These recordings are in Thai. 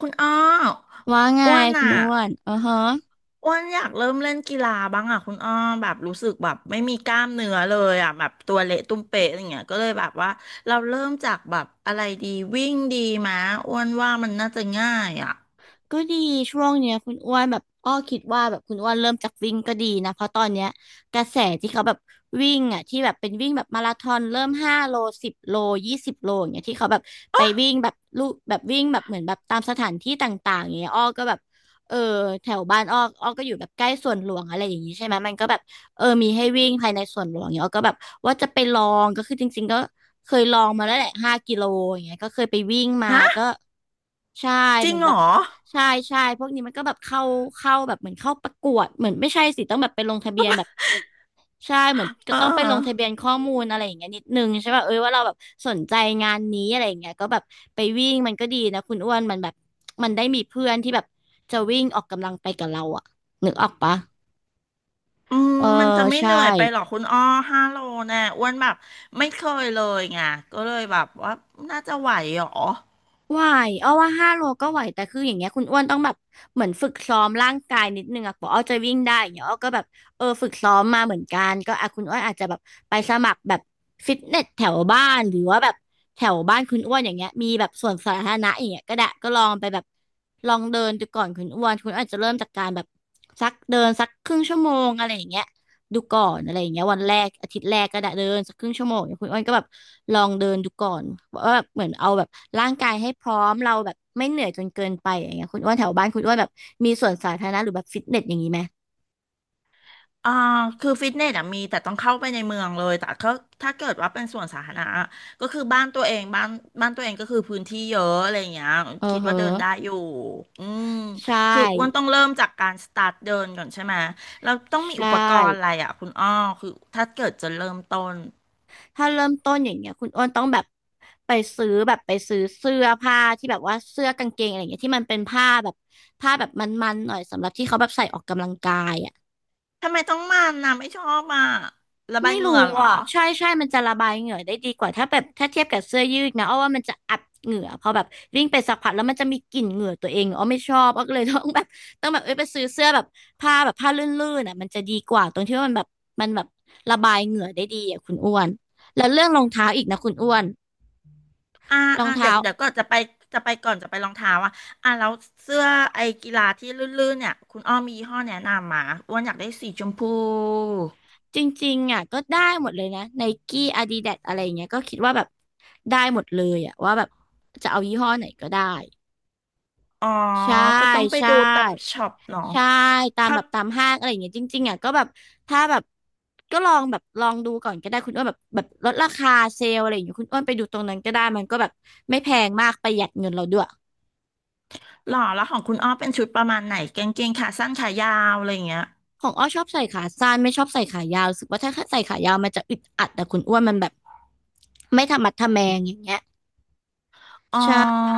คุณอ้อว่าไงอ้วนคุณอ่ะอ้วนอือฮะอ้วนอยากเริ่มเล่นกีฬาบ้างอ่ะคุณอ้อแบบรู้สึกแบบไม่มีกล้ามเนื้อเลยอ่ะแบบตัวเละตุ้มเป๊ะอย่างเงี้ยก็เลยแบบว่าเราเริ่มจากแบบอะไรดีวิ่งดีมะอ้วนว่ามันน่าจะง่ายอ่ะก็ดีช่วงเนี้ยคุณอ้วนแบบอ้อคิดว่าแบบคุณอ้วนเริ่มจากวิ่งก็ดีนะเพราะตอนเนี้ยกระแสที่เขาแบบวิ่งอ่ะที่แบบเป็นวิ่งแบบมาราธอนเริ่มห้าโลสิบโล20 โลอย่างเงี้ยที่เขาแบบไปวิ่งแบบลูกแบบวิ่งแบบเหมือนแบบตามสถานที่ต่างๆอย่างเงี้ยอ้อก็แบบเออแถวบ้านอ้ออ้อก็อยู่แบบใกล้สวนหลวงอะไรอย่างงี้ใช่ไหมมันก็แบบเออมีให้วิ่งภายในสวนหลวงเนี่ยอ้อก็แบบว่าจะไปลองก็คือจริงๆก็ เคยลองมาแล้วแหละ5 กิโลอย่างเงี้ยก็เคยไปวิ่งมาก็ฮะใช่จเหริมืงอนเหแบรบอใช่ใช่พวกนี้มันก็แบบเข้าแบบเหมือนเข้าประกวดเหมือนไม่ใช่สิต้องแบบไปลงทะเบียนแบบใช่เหมือนเอก็อต้องเอไปลงทะเบียอนข้อมูลอะไรอย่างเงี้ยนิดนึงใช่ป่ะเอ้ยว่าเราแบบสนใจงานนี้อะไรอย่างเงี้ยก็แบบไปวิ่งมันก็ดีนะคุณอ้วนมันแบบมันได้มีเพื่อนที่แบบจะวิ่งออกกำลังไปกับเราอะนึกออกปะอืมเออมันจะไม่ใช่ เหนื่อยไปหรอกคุณอ้อห้าโลแน่อ้วนแบบไม่เคยเลยไงก็เลยแบบว่าน่าจะไหวเหรอ ไหวอ้อว่าห้าโลก็ไหวแต่คืออย่างเงี้ยคุณอ้วนต้องแบบเหมือนฝึกซ้อมร่างกายนิดนึงอะกว่าอ้อจะวิ่งได้อย่างเงี้ยอ้อก็แบบเออฝึกซ้อมมาเหมือนกันก็อะคุณอ้วนอาจจะแบบไปสมัครแบบฟิตเนสแถวบ้านหรือว่าแบบแถวบ้านคุณอ้วนอย่างเงี้ยมีแบบส่วนสาธารณะอย่างเงี้ยก็ได้ก็ลองไปแบบลองเดินดูก่อนคุณอ้วนคุณอ้วนอาจจะเริ่มจากการแบบสักเดินสักครึ่งชั่วโมงอะไรอย่างเงี้ย ดูก่อนอะไรอย่างเงี้ยวันแรกอาทิตย์แรกก็ได้เดินสักครึ่งชั่วโมงเนี่ยคุณอ้นก็แบบลองเดินดูก่อนว่าแบบเหมือนเอาแบบร่างกายให้พร้อมเราแบบไม่เหนื่อยจนเกินไปอย่างเงี้ยคุณอ้วนแถวบ้านคุณอ้วนแบบมีสวนสาธารณะหรือแบบฟิตเนสอย่างนี้ไหมอ่าคือฟิตเนสอะมีแต่ต้องเข้าไปในเมืองเลยแต่ก็ถ้าเกิดว่าเป็นส่วนสาธารณะอะก็คือบ้านตัวเองบ้านตัวเองก็คือพื้นที่เยอะอะไรอย่างเงี้ยเออคิดเฮอว่าเดินได้อยู่อืมใชคืออ้วน่ต้องเริ่มจากการสตาร์ทเดินก่อนใช่ไหมแล้วต้องใชมีอุปกรณ์อะ่ไรอะคุณอ้อคือถ้าเกิดจะเริ่มต้นถ้าเริ่มต้นอย่างเงี้ยคุณอ้นต้องแบบไปไปซื้อเสื้อผ้าที่แบบว่าเสื้อกางเกงอะไรอย่างเงี้ยที่มันเป็นผ้าแบบมันๆหน่อยสำหรับที่เขาแบบใส่ออกกำลังกายอ่ะ ทำไมต้องมันนะไม่ชอบอ่ะระบายไม่เหรู้งื่อเหรอ อ่ะใช่ใช่มันจะระบายเหงื่อได้ดีกว่าถ้าแบบถ้าเทียบกับเสื้อยืดนะอ้อว่ามันจะอับเหงื่อพอแบบวิ่งไปสักพักแล้วมันจะมีกลิ่นเหงื่อตัวเองอ้อไม่ชอบอ้อก็เลยต้องแบบเอ้ยไปซื้อเสื้อแบบผ้าแบบผ้าลื่นๆอ่ะมันจะดีกว่าตรงที่ว่ามันแบบระบายเหงื่อได้ดีอ่ะคุณอ้วนแล้วเรื่องรองเท้าอีกนะคุณอ้วนอ่ารองอ่าเดี๋ยเท้าวก็จะไปจะไปก่อนจะไปรองเท้าอ่ะอ่ะแล้วเสื้อไอ้กีฬาที่ลื่นๆเนี่ยคุณอ้อมมียี่ห้อแนะนำมาอ้วนอยากได้สีชมพูจริงๆอ่ะก็ได้หมดเลยนะไนกี้อาดิดาสอะไรอย่างเงี้ยก็คิดว่าแบบได้หมดเลยอ่ะว่าแบบจะเอายี่ห้อไหนก็ได้ อ๋อใช่ก็ต้องไปใช่ดูตามช็อปเนาะใช่ตามเขาแบบตามห้างอะไรอย่างเงี้ยจริงๆอ่ะก็แบบถ้าแบบก็ลองดูก่อนก็ได้คุณอ้วนแบบลดราคาเซลล์อะไรอย่างเงี้ยคุณอ้วนไปดูตรงนั้นก็ได้มันก็แบบไม่แพงมากประหยัดเงินเราด้วยหล่อแล้วของคุณอ้อเป็นชุดประมาณไหนกางเกงขาสั้นขายาวอะไรอย่างเงี้ยของอ้อชอบใส่ขาสั้นไม่ชอบใส่ขายาวรู้สึกว่าถ้าใส่ขายาวมันจะอึดอัดแต่คุณอ้วนมันแบบไม่ทะมัดทะแมงอย่างเงี้ยอ๋อใช่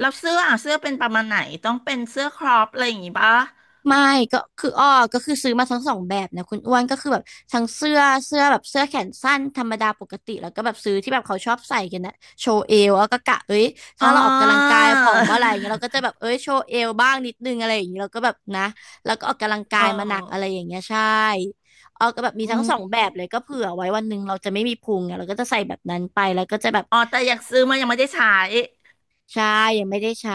แล้วเสื้ออ่ะเสื้อเป็นประมาณไหนต้องเป็นเสื้อครอปอะไรอย่างงี้ปะไม่ก็คืออ้อก็คือซื้อมาทั้งสองแบบนะคุณอ้วนก็คือแบบทั้งเสื้อเสื้อแบบเสื้อแขนสั้นธรรมดาปกติแล้วก็แบบซื้อที่แบบเขาชอบใส่กันนะโชว์เอวแล้วก็กะเอ้ยอ๋ถ้าเราออกกำลังกาอ ยผอมเมื่อไหร่อย่างเงี้ยเราก็จะแบบ เอ้ยโชว์เอวบ้างนิดนึงอะไรอย่างเงี้ยเราก็แบบนะแล้วก็ออกกำลังกาเออยมาหนักอะไรอย่างเงี้ยใช่อ้อก็แบบมีอืทั้งมสองแบบเลยก็เผื่อไว้วันหนึ่งเราจะไม่มีพุงไงเราก็จะใส่แบบนั้นไปแล้วก็จะแบบ อ๋อแต่อยากซื้อมายังไม่ได้ใช้ ใช่ยังไม่ได้ใช้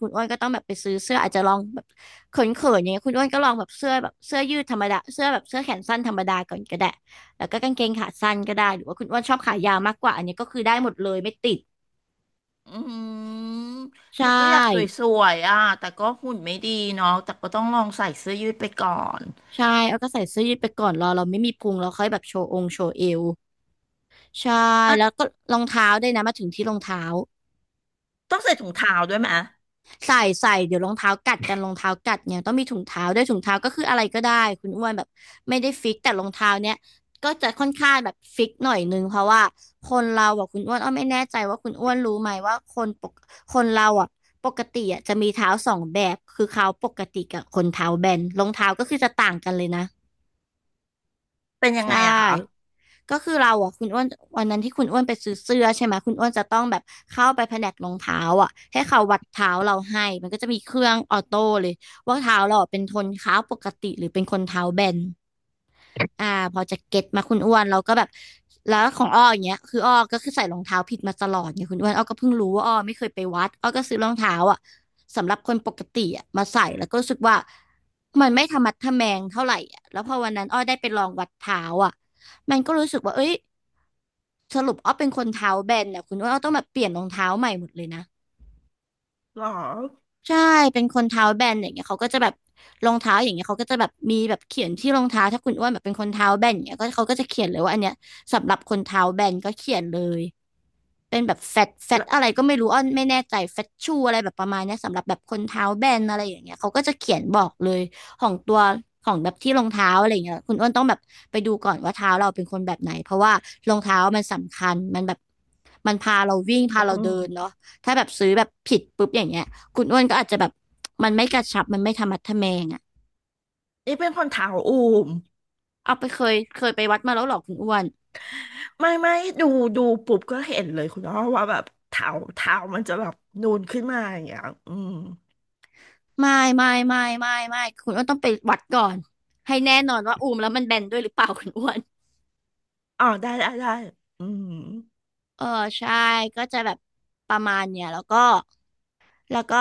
คุณอ้วนก็ต้องแบบไปซื้อเสื้ออาจจะลองแบบเขินๆอย่างเงี้ยคุณอ้วนก็ลองแบบเสื้อแบบเสื้อยืดธรรมดาเสื้อแบบเสื้อแขนสั้นธรรมดาก่อนก็ได้แล้วก็กางเกงขาสั้นก็ได้หรือว่าคุณอ้วนชอบขายาวมากกว่าอันนี้ก็คือได้หมดเลยไม่ติดอืมใชแต่ก็อยากส่วยๆอ่ะแต่ก็หุ่นไม่ดีเนาะแต่ก็ต้องลองใส่เสื้อยืดไปก่อนใช่เอาก็ใส่เสื้อยืดไปก่อนรอเราไม่มีพุงเราค่อยแบบโชว์องค์โชว์เอวใช่อ่ะแล้วก็รองเท้าด้วยนะมาถึงที่รองเท้า ต้องใส่ถุงเท้าด้วยไหมใส่ใส่เดี๋ยวรองเท้ากัดกันรองเท้ากัดเนี่ยต้องมีถุงเท้าด้วยถุงเท้าก็คืออะไรก็ได้คุณอ้วนแบบไม่ได้ฟิกแต่รองเท้าเนี่ยก็จะค่อนข้างแบบฟิกหน่อยนึงเพราะว่าคนเราอะคุณอ้วนอ้อไม่แน่ใจว่าคุณอ้วนรู้ไหมว่าคนปกคนเราอะปกติอะจะมีเท้าสองแบบคือเขาปกติกับคนเท้าแบนรองเท้าก็คือจะต่างกันเลยนะเป็นยังไงใช่ อะคะก็คือเราอ่ะคุณอ้วนวันนั้นที่คุณอ้วนไปซื้อเสื้อใช่ไหมคุณอ้วนจะต้องแบบเข้าไปแผนกรองเท้าอ่ะให้เขาวัดเท้าเราให้มันก็จะมีเครื่องออโต้เลยว่าเท้าเราอะเป็นคนเท้าปกติหรือเป็นคนเท้าแบนอ่าพอจะเก็ตมาคุณอ้วนเราก็แบบแล้วของอ้ออย่างเงี้ยคืออ้อก็คือใส่รองเท้าผิดมาตลอดเนี่ยคุณอ้วนอ้อก็เพิ่งรู้ว่าอ้อไม่เคยไปวัดอ้อก็ซื้อรองเท้าอ่ะสำหรับคนปกติอ่ะมาใส่แล้วก็รู้สึกว่ามันไม่ทะมัดทะแมงเท่าไหร่อ่ะแล้วพอวันนั้นอ้อได้ไปลองวัดเท้าอ่ะมันก็รู้สึกว่าเอ้ย สรุปอ้อเป็นคนเท้าแบนเนี่ยคุณว่าอ้อต้องแบบเปลี่ยนรองเท้าใหม่หมดเลยนะหรอใช่เป็นคนเท้าแบนอย่างเงี้ยเขาก็จะแบบรองเท้าอย่างเงี้ยเขาก็จะแบบมีแบบเขียนที่รองเท้าถ้าคุณอ้วนแบบเป็นคนเท้าแบนอย่างเงี้ยก็เขาก็จะเขียนเลยว่าอันเนี้ยสำหรับคนเท้าแบนก็เขียนเลย เป็นแบบแฟตแฟตอะละไรก็ไม่รู้อ้อนไม่แน่ใจแฟตชูอะไรแบบประมาณเนี้ยสำหรับแบบคนเท้าแบนอะไรอย่างเงี้ยเขาก็จะเขียนบอกเลยของตัวของแบบที่รองเท้าอะไรอย่างเงี้ยคุณอ้วนต้องแบบไปดูก่อนว่าเท้าเราเป็นคนแบบไหนเพราะว่ารองเท้ามันสำคัญมันแบบมันพาเราวิ่งพาเราอืเดินมเนาะถ้าแบบซื้อแบบผิดปุ๊บอย่างเงี้ยคุณอ้วนก็อาจจะแบบมันไม่กระชับมันไม่ธรรมัดทะแมงอะนี่เป็นคนเท้าอูมเอาไปเคยไปวัดมาแล้วเหรอคุณอ้วน ไม่ไม่ดูดูปุ๊บก็เห็นเลยคุณอ้อว่าแบบเท้ามันจะแบบนูนขึ้นมาอย่างเงี้ยอืมไม่ไม่คุณอ้วนต้องไปวัดก่อนให้แน่นอนว่าอูมแล้วมันแบนด้วยหรือเปล่าคุณอ้วนอ๋อได้ได้อืมเออใช่ก็จะแบบประมาณเนี่ยแล้วก็แล้วก็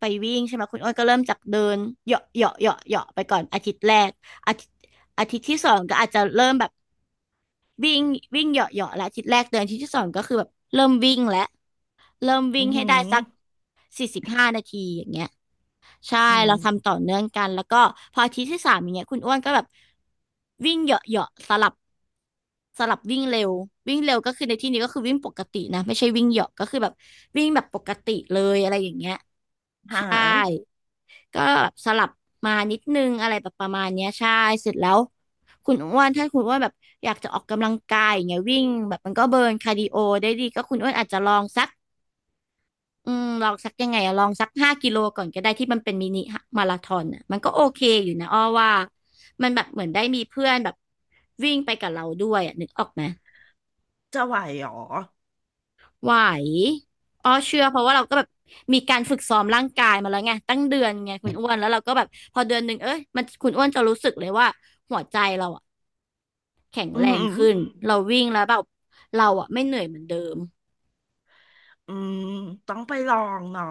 ไปวิ่งใช่ไหมคุณอ้วนก็เริ่มจากเดินเหยาะเหยาะเหยาะเหยาะไปก่อนอาทิตย์แรกอาทิตย์อาทิตย์ที่สองก็อาจจะเริ่มแบบวิ่งวิ่งเหยาะเหยาะและอาทิตย์แรกเดือนอาทิตย์ที่สองก็คือแบบเริ่มวิ่งแล้ว เริ่มอืวิ่มงอให้หืได้สักอ45 นาทีอย่างเงี้ยใช่อืมเราทำต่อเนื่องกันแล้วก็พออาทิตย์ที่สามอย่างเงี้ยคุณอ้วนก็แบบวิ่งเหยาะๆสลับวิ่งเร็ววิ่งเร็วก็คือในที่นี้ก็คือวิ่งปกตินะไม่ใช่วิ่งเหยาะก็คือแบบวิ่งแบบปกติเลยอะไรอย่างเงี้ยหาใช่ก็แบบสลับมานิดนึงอะไรแบบประมาณเนี้ยใช่เสร็จแล้วคุณอ้วนถ้าคุณอ้วนแบบอยากจะออกกำลังกายอย่างเงี้ยวิ่งแบบมันก็เบิร์นคาร์ดิโอได้ดีก็คุณอ้วนอาจจะลองสัก อืมลองสักยังไงอะลองสัก5 กิโลก่อนก็ได้ที่มันเป็นมินิมาราธอนอะมันก็โอเคอยู่นะอ้อว่ามันแบบเหมือนได้มีเพื่อนแบบวิ่งไปกับเราด้วยอะนึกออกไหมจะไหวเหรอไหวอ้อเชื่อเพราะว่าเราก็แบบมีการฝึกซ้อมร่างกายมาแล้วไงตั้งเดือนไงคุณอ้วนแล้วเราก็แบบพอเดือนหนึ่งเอ้ยมันคุณอ้วนจะรู้สึกเลยว่าหัวใจเราอะแข็งอืแรมองหือขึ้นเราวิ่งแล้วแบบเราอะไม่เหนื่อยเหมือนเดิม อืมต้องไปลองเนาะ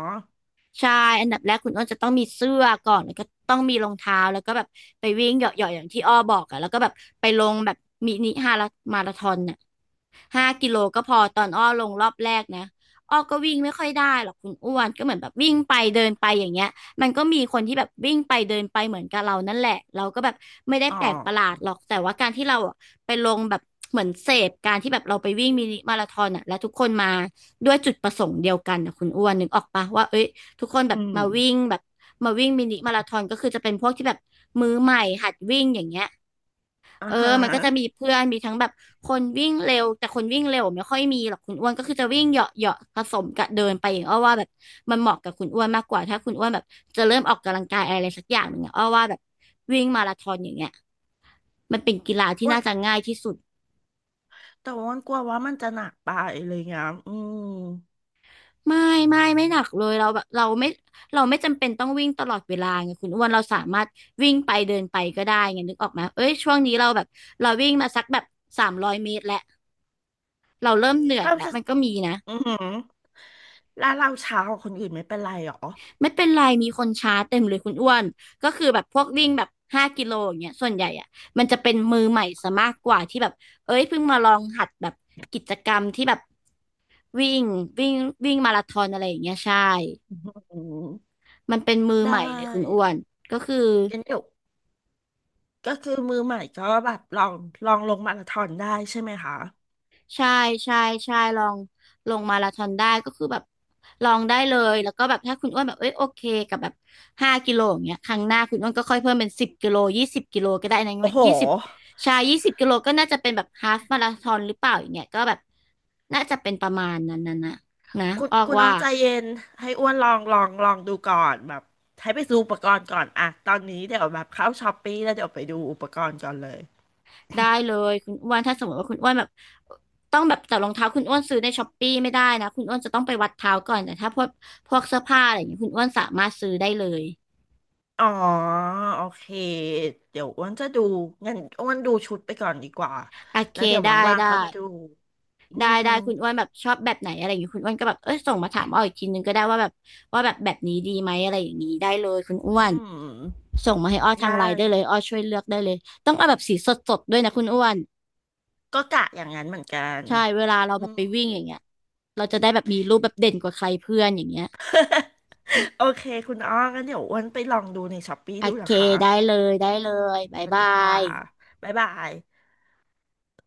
ใช่อันดับแรกคุณอ้นจะต้องมีเสื้อก่อนแล้วก็ต้องมีรองเท้าแล้วก็แบบไปวิ่งเหยาะๆอย่างที่อ้อบอกอะแล้วก็แบบไปลงแบบมินิฮาลามาราธอนน่ะห้ากิโลก็พอตอนอ้อลงรอบแรกนะอ้อก็วิ่งไม่ค่อยได้หรอกคุณอ้วนก็เหมือนแบบวิ่งไปเดินไปอย่างเงี้ยมันก็มีคนที่แบบวิ่งไปเดินไปเหมือนกับเรานั่นแหละเราก็แบบไม่ได้อ๋อแปลกประหลาดหรอกแต่ว่าการที่เราอะไปลงแบบเหมือนเสพการที่แบบเราไปวิ่งมินิมาราธอนอะแล้วทุกคนมาด้วยจุดประสงค์เดียวกันนะคุณอ้วนนึกออกปะว่าเอ้ย ทุกคนแบอืบมมาวิ่งแบบมาวิ่งมินิมาราธอนก็คือจะเป็นพวกที่แบบมือใหม่หัดวิ่งอย่างเงี้ยอ่าเออฮะมันก็จะมีเพื่อนมีทั้งแบบคนวิ่งเร็วแต่คนวิ่งเร็วไม่ค่อยมีหรอกคุณอ้วนก็คือจะวิ่งเหยาะเหาะผสมกับเดินไปอย่างอ้อว่าแบบมันเหมาะกับคุณอ้วนมากกว่าถ้าคุณอ้วนแบบจะเริ่มออกกำลังกายอะไรสักอย่างหนึ่งอะอ้อว่าแบบวิ่งมาราธอนอย่างเงี้ยมันเป็นกีฬาที่อ้ว่าน่าจะง่ายที่สุด แต่ว่ามันกลัวว่ามันจะหนักไปอะไรเงี้ยอืมไม่ไม่หนักเลยเราแบบเราไม่จำเป็นต้องวิ่งตลอดเวลาไงคุณอ้วนเราสามารถวิ่งไปเดินไปก็ได้ไงนึกออกไหมเอ้ยช่วงนี้เราแบบเราวิ่งมาสักแบบ300 เมตรแล้วเราเริ่มเหนื่อยถ้าแล้วจะมันก็มีนะอือหือแล้วเราเช้ากว่าคนอื่นไม่เป็นไรหรอไม่เป็นไรมีคนชาร์จเต็มเลยคุณอ้วนก็คือแบบพวกวิ่งแบบห้ากิโลอย่างเงี้ยส่วนใหญ่อ่ะมันจะเป็นมือใหม่ซะมากกว่าที่แบบเอ้ยเพิ่งมาลองหัดแบบกิจกรรมที่แบบวิ่งวิ่งวิ่งมาราธอนอะไรอย่างเงี้ยใช่อืมมันเป็นมือได้ใหม่เลยคุณอ้วนก็คือ กันเดี๋ยวก็คือมือใหม่ก็แบบลองลงมาราธอนได้ใช่ไหมคะใช่ใช่ใช่ ลองลงมาราธอนได้ก็คือแบบลองได้เลยแล้วก็แบบถ้าคุณอ้วนแบบเอ้ยโอเคกับแบบห้ากิโลอย่างเงี้ยครั้งหน้าคุณอ้วนก็ค่อยเพิ่มเป็นสิบกิโลยี่สิบกิโลก็ได้นะโอ้โห ยี่สิบใชายยี่สิบกิโลก็น่าจะเป็นแบบฮาล์ฟมาราธอนหรือเปล่าอย่างเงี้ยก็แบบน่าจะเป็นประมาณนั้นนะคุณออกน้ว่าองใจเย็นให้อ้วนลองดูก่อนแบบให้ไปซื้ออุปกรณ์ก่อนอะตอนนี้เดี๋ยวแบบเข้าช้อปปี้แล้วเดี๋ยวไปดูอุปกรณ์ก่อนเลย ได้เลยคุณอ้วนถ้าสมมติว่าคุณอ้วนแบบต้องแบบแต่รองเท้าคุณอ้วนซื้อในช้อปปี้ไม่ได้นะ คุณอ้วนจะต้องไปวัดเท้าก่อน แต่ถ้าพวกเสื้อผ้าอะไรอย่างเงี้ยคุณอ้วนสามารถซื้อได้เลย อ๋อโอเคเดี๋ยวอ้วนจะดูงั้นอ้วนดูชุดไปก่อนดีกว่าโอเคแล้วเดี๋ยวได้ว่างๆได้เขาไปดูอืได้มได้คุณอ้วนแบบชอบแบบไหนอะไรอย่างงี้คุณอ้วนก็แบบเอ้ยส่งมาถามอ้ออีกทีนึงก็ได้ว่าแบบแบบนี้ดีไหมอะไรอย่างนี้ได้เลยคุณอ้วอืนมส่งมาให้อ้อทาได้งไลน์ได้เลยอ้อช่วยเลือกได้เลยต้องเอาแบบสีสดๆด้วยนะคุณอ้วนก็กะอย่างนั้นเหมือนกันใช่เวลาเราอืแบบม ไปวิ่งอย่างเงี้ยเราจะได้แบบมีรูปแบบเด่นกว่าใครเพื่อนอย่างเงี้ย โอเคคุณอ้องั้นเดี๋ยวอ้วนไปลองดูในช้อปปี้โอดูเคนะคะได้เลยสบ๊ายวัสบาดีค่ะยบ๊ายบาย